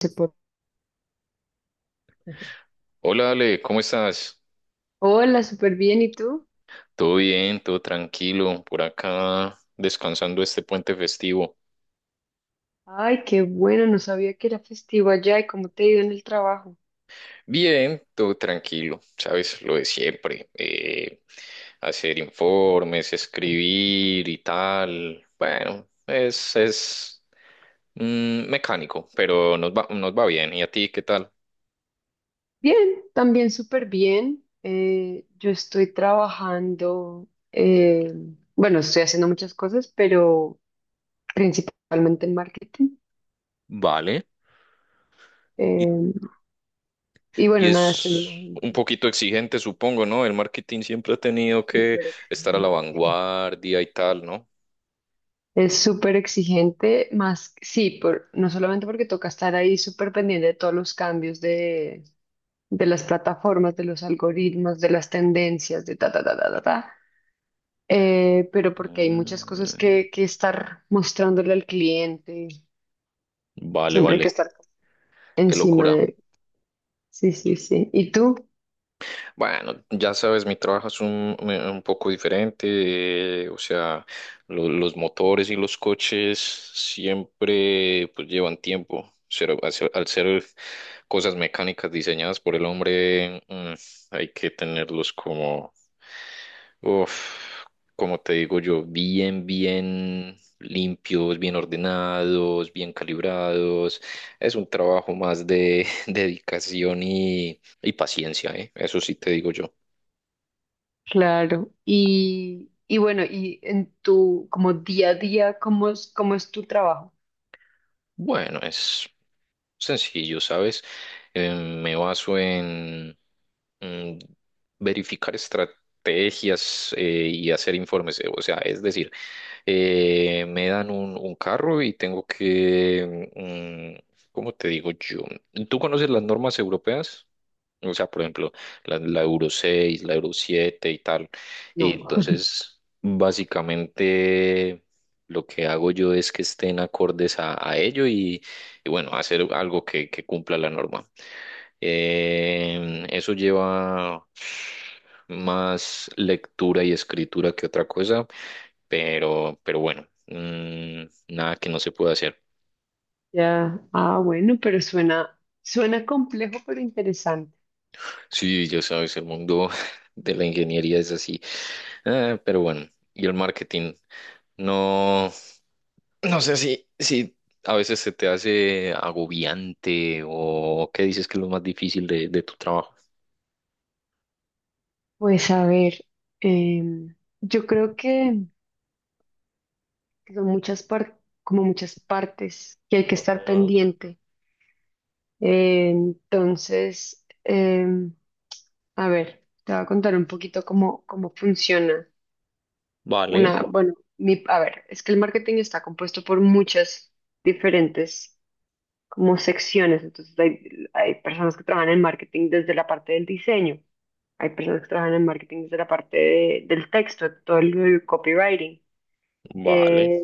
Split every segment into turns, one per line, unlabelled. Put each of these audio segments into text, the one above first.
Se por-
Hola Ale, ¿cómo estás?
Hola, súper bien. ¿Y tú?
Todo bien, todo tranquilo, por acá descansando este puente festivo.
Ay, qué bueno, no sabía que era festivo allá. ¿Y cómo te ha ido en el trabajo?
Bien, todo tranquilo, sabes, lo de siempre, hacer informes, escribir y tal. Bueno, es mecánico, pero nos va bien. ¿Y a ti qué tal?
Bien, también súper bien. Yo estoy trabajando, eh, bueno, estoy haciendo muchas cosas, pero principalmente en marketing.
Vale. Y,
Eh, y
y
bueno, nada, estoy en
es
una
un
agencia
poquito exigente, supongo, ¿no? El marketing siempre ha tenido que
súper
estar a la
exigente.
vanguardia y tal, ¿no?
Es súper exigente, más, sí, no solamente porque toca estar ahí súper pendiente de todos los cambios de las plataformas, de los algoritmos, de las tendencias, de ta, ta, ta, ta, ta, ta. Pero porque hay muchas cosas
Mm.
que estar mostrándole al cliente,
Vale,
siempre hay que
vale,
estar
qué
encima
locura.
de él. Sí, sí, sí. ¿Y tú?
Bueno, ya sabes, mi trabajo es un poco diferente, o sea, los motores y los coches siempre pues llevan tiempo. Ser- al ser al ser cosas mecánicas diseñadas por el hombre, hay que tenerlos como, uf, como te digo yo, bien, bien limpios, bien ordenados, bien calibrados. Es un trabajo más de dedicación y paciencia, ¿eh? Eso sí te digo yo.
Claro. Y bueno, y en tu como día a día, cómo es tu trabajo?
Bueno, es sencillo, ¿sabes? Me baso en mm, verificar estrategias y hacer informes. O sea, es decir, me dan un carro y tengo que, ¿cómo te digo yo? ¿Tú conoces las normas europeas? O sea, por ejemplo, la Euro 6, la Euro 7 y tal. Y
No.
entonces, básicamente, lo que hago yo es que estén acordes a ello y bueno, hacer algo que cumpla la norma. Eso lleva más lectura y escritura que otra cosa, pero, pero bueno, nada que no se pueda hacer.
Ya. Ah, bueno, pero suena, suena complejo, pero interesante.
Sí, ya sabes, el mundo de la ingeniería es así. Ah, pero bueno, y el marketing, no, no sé si a veces se te hace agobiante o qué dices que es lo más difícil de tu trabajo.
Pues a ver, em, yo creo que son muchas como muchas partes que hay que estar
Ajá.
pendiente. Entonces, a ver, te voy a contar un poquito cómo, cómo funciona
Vale,
a ver, es que el marketing está compuesto por muchas diferentes como secciones. Entonces hay personas que trabajan en marketing desde la parte del diseño, hay personas que trabajan en marketing desde la del texto, todo el copywriting,
vale,
eh,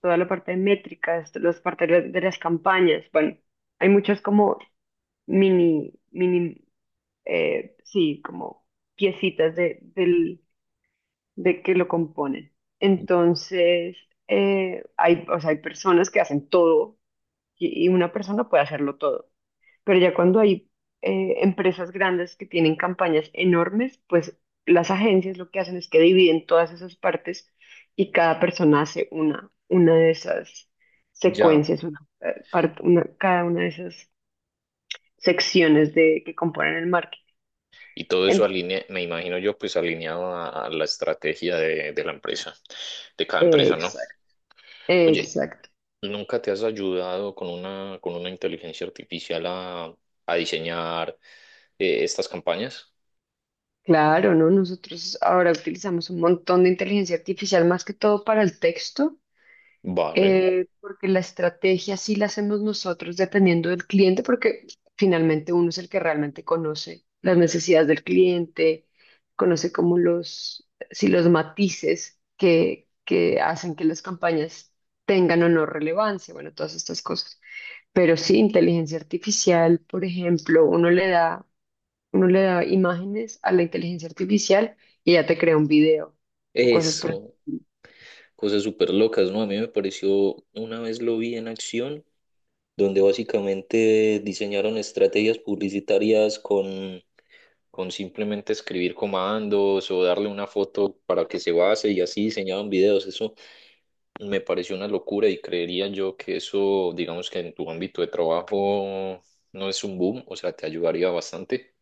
toda la parte de métricas, los partidos de las campañas. Bueno, hay muchas como mini, mini, sí, como piecitas de que lo componen. Entonces, hay, o sea, hay personas que hacen todo y una persona puede hacerlo todo. Pero ya cuando hay empresas grandes que tienen campañas enormes, pues las agencias lo que hacen es que dividen todas esas partes, y cada persona hace una de esas
ya.
secuencias, cada una de esas secciones que componen el marketing.
Y todo eso
En-
alinea, me imagino yo, pues alineado a la estrategia de la empresa, de cada empresa, ¿no?
exacto,
Oye,
exacto.
¿nunca te has ayudado con una inteligencia artificial a diseñar estas campañas?
Claro, ¿no? Nosotros ahora utilizamos un montón de inteligencia artificial más que todo para el texto,
Vale.
porque la estrategia sí la hacemos nosotros dependiendo del cliente, porque finalmente uno es el que realmente conoce las necesidades del cliente, conoce como los, si los matices que hacen que las campañas tengan o no relevancia, bueno, todas estas cosas. Pero sí, inteligencia artificial, por ejemplo, uno le da imágenes a la inteligencia artificial y ya te crea un video o cosas por…
Eso, cosas súper locas, ¿no? A mí me pareció, una vez lo vi en acción donde básicamente diseñaron estrategias publicitarias con simplemente escribir comandos o darle una foto para que se base y así diseñaban videos. Eso me pareció una locura y creería yo que eso, digamos que en tu ámbito de trabajo no es un boom, o sea, te ayudaría bastante.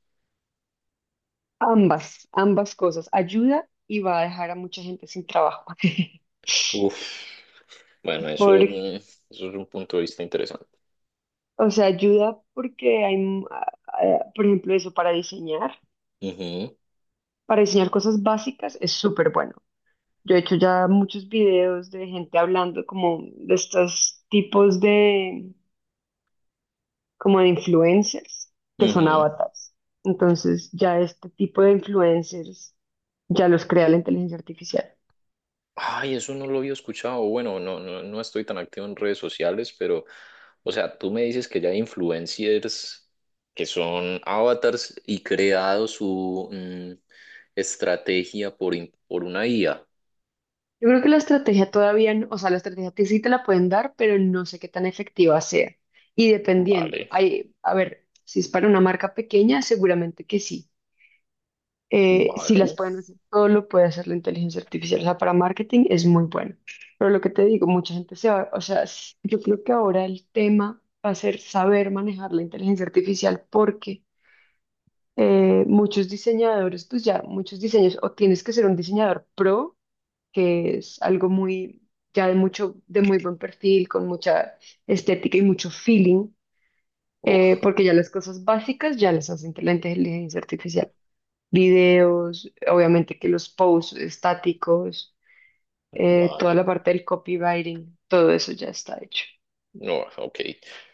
Ambas, ambas cosas. Ayuda y va a dejar a mucha gente sin trabajo.
Uf, bueno, eso,
Por,
eso es un punto de vista interesante.
o sea, ayuda porque hay, m- a- por ejemplo, eso
Ujú,
para diseñar cosas básicas es súper bueno. Yo he hecho ya muchos videos de gente hablando como de estos tipos de, como de influencers que son
ujú.
avatars. Entonces, ya este tipo de influencers ya los crea la inteligencia artificial.
Ay, eso no lo había escuchado. Bueno, no, no, no estoy tan activo en redes sociales, pero, o sea, tú me dices que ya hay influencers que son avatars y creado su estrategia por, por una IA.
Yo creo que la estrategia todavía, o sea, la estrategia, que sí te la pueden dar, pero no sé qué tan efectiva sea. Y
Vale,
dependiendo, hay, a ver, si es para una marca pequeña, seguramente que sí. Si las
vale.
pueden hacer, todo lo puede hacer la inteligencia artificial. O sea, para marketing es muy bueno. Pero lo que te digo, mucha gente se va, o sea, yo creo que ahora el tema va a ser saber manejar la inteligencia artificial, porque muchos diseñadores, pues ya, muchos diseños, o tienes que ser un diseñador pro, que es algo muy, ya de mucho, de muy buen perfil, con mucha estética y mucho feeling,
Uf,
porque ya las cosas básicas ya las hacen la inteligencia artificial. Videos, obviamente, que los posts estáticos, toda
vale.
la parte del copywriting, todo eso ya está hecho.
No, ok.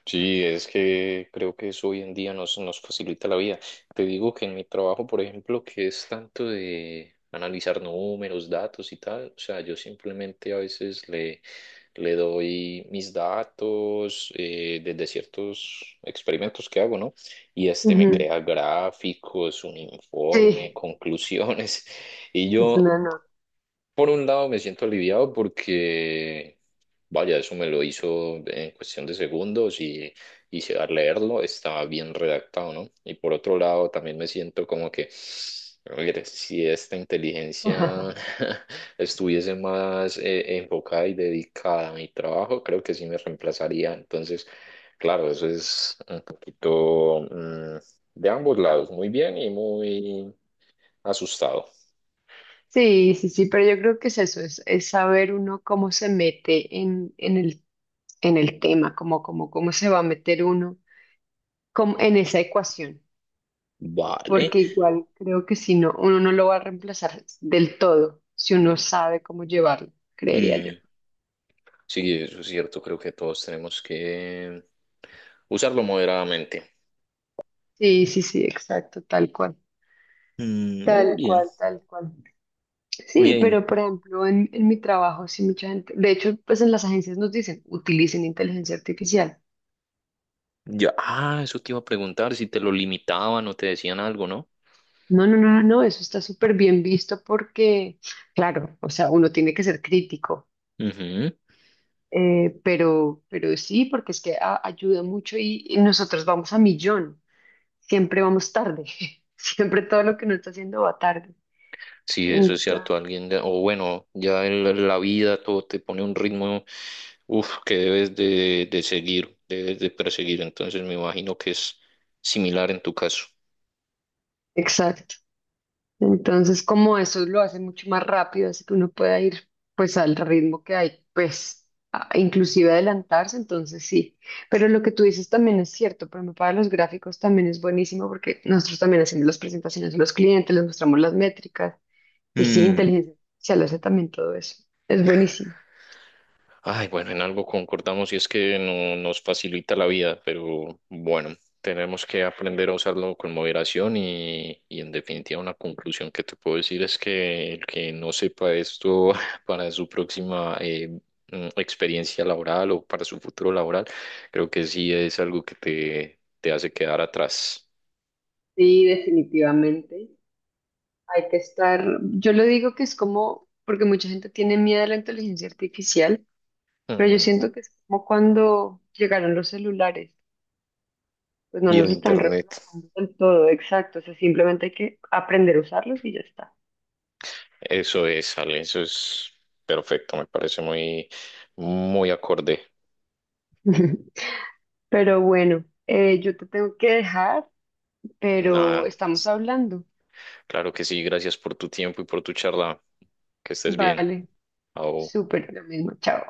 Sí, es que creo que eso hoy en día nos, nos facilita la vida. Te digo que en mi trabajo, por ejemplo, que es tanto de analizar números, datos y tal, o sea, yo simplemente a veces le, le doy mis datos desde ciertos experimentos que hago, ¿no? Y este me
Ujú.
crea gráficos, un informe,
Sí.
conclusiones. Y
Es
yo
una nota.
por un lado me siento aliviado porque, vaya, eso me lo hizo en cuestión de segundos y, al leerlo estaba bien redactado, ¿no? Y por otro lado también me siento como que, a ver, si esta inteligencia estuviese más enfocada y dedicada a mi trabajo, creo que sí me reemplazaría. Entonces, claro, eso es un poquito de ambos lados, muy bien y muy asustado.
Sí, sí, sí, pero yo creo que es eso, es saber uno cómo se mete en el tema, como cómo, cómo, cómo se va a meter uno como en esa ecuación,
Vale.
porque igual creo que si no, uno no lo va a reemplazar del todo, si uno sabe cómo llevarlo, creería yo.
Sí, eso es cierto, creo que todos tenemos que usarlo moderadamente.
Sí, sí, sí, exacto, tal cual.
Mm, es
Tal
bien,
cual, tal cual. Sí,
bien.
pero por ejemplo, en mi trabajo, sí, mucha gente, de hecho, pues en las agencias nos dicen, utilicen inteligencia artificial.
Ya, ah, eso te iba a preguntar si te lo limitaban o te decían algo, ¿no?
No, no, no, no, no, eso está súper bien visto porque, claro, o sea, uno tiene que ser crítico,
Ujú.
pero sí, porque es que ayuda mucho y nosotros vamos a millón. Siempre vamos tarde. Siempre todo lo que uno está haciendo va tarde.
Sí, eso es
Entonces,
cierto, alguien, o bueno, ya en la vida todo te pone un ritmo, uf, que debes de seguir, debes de perseguir, entonces me imagino que es similar en tu caso.
exacto. Entonces, como eso lo hace mucho más rápido, así que uno pueda ir pues al ritmo que hay, pues inclusive adelantarse, entonces sí. Pero lo que tú dices también es cierto, pero para los gráficos también es buenísimo porque nosotros también hacemos las presentaciones a los clientes, les mostramos las métricas y sí, inteligencia artificial hace también todo eso. Es buenísimo.
Ay, bueno, en algo concordamos y es que no nos facilita la vida, pero bueno, tenemos que aprender a usarlo con moderación y en definitiva una conclusión que te puedo decir es que el que no sepa esto para su próxima experiencia laboral o para su futuro laboral, creo que sí es algo que te hace quedar atrás.
Sí, definitivamente. Hay que estar, yo lo digo que es como, porque mucha gente tiene miedo a la inteligencia artificial, pero yo
Mm,
siento que es como cuando llegaron los celulares, pues no
y el
nos están
internet,
reemplazando del todo, exacto, o sea, simplemente hay que aprender a usarlos y ya está.
eso es, Ale, eso es perfecto, me parece muy, muy acorde.
Pero bueno, yo te tengo que dejar, pero
Nada.
estamos hablando.
Claro que sí, gracias por tu tiempo y por tu charla. Que estés bien.
Vale,
Au.
súper, lo mismo, chao.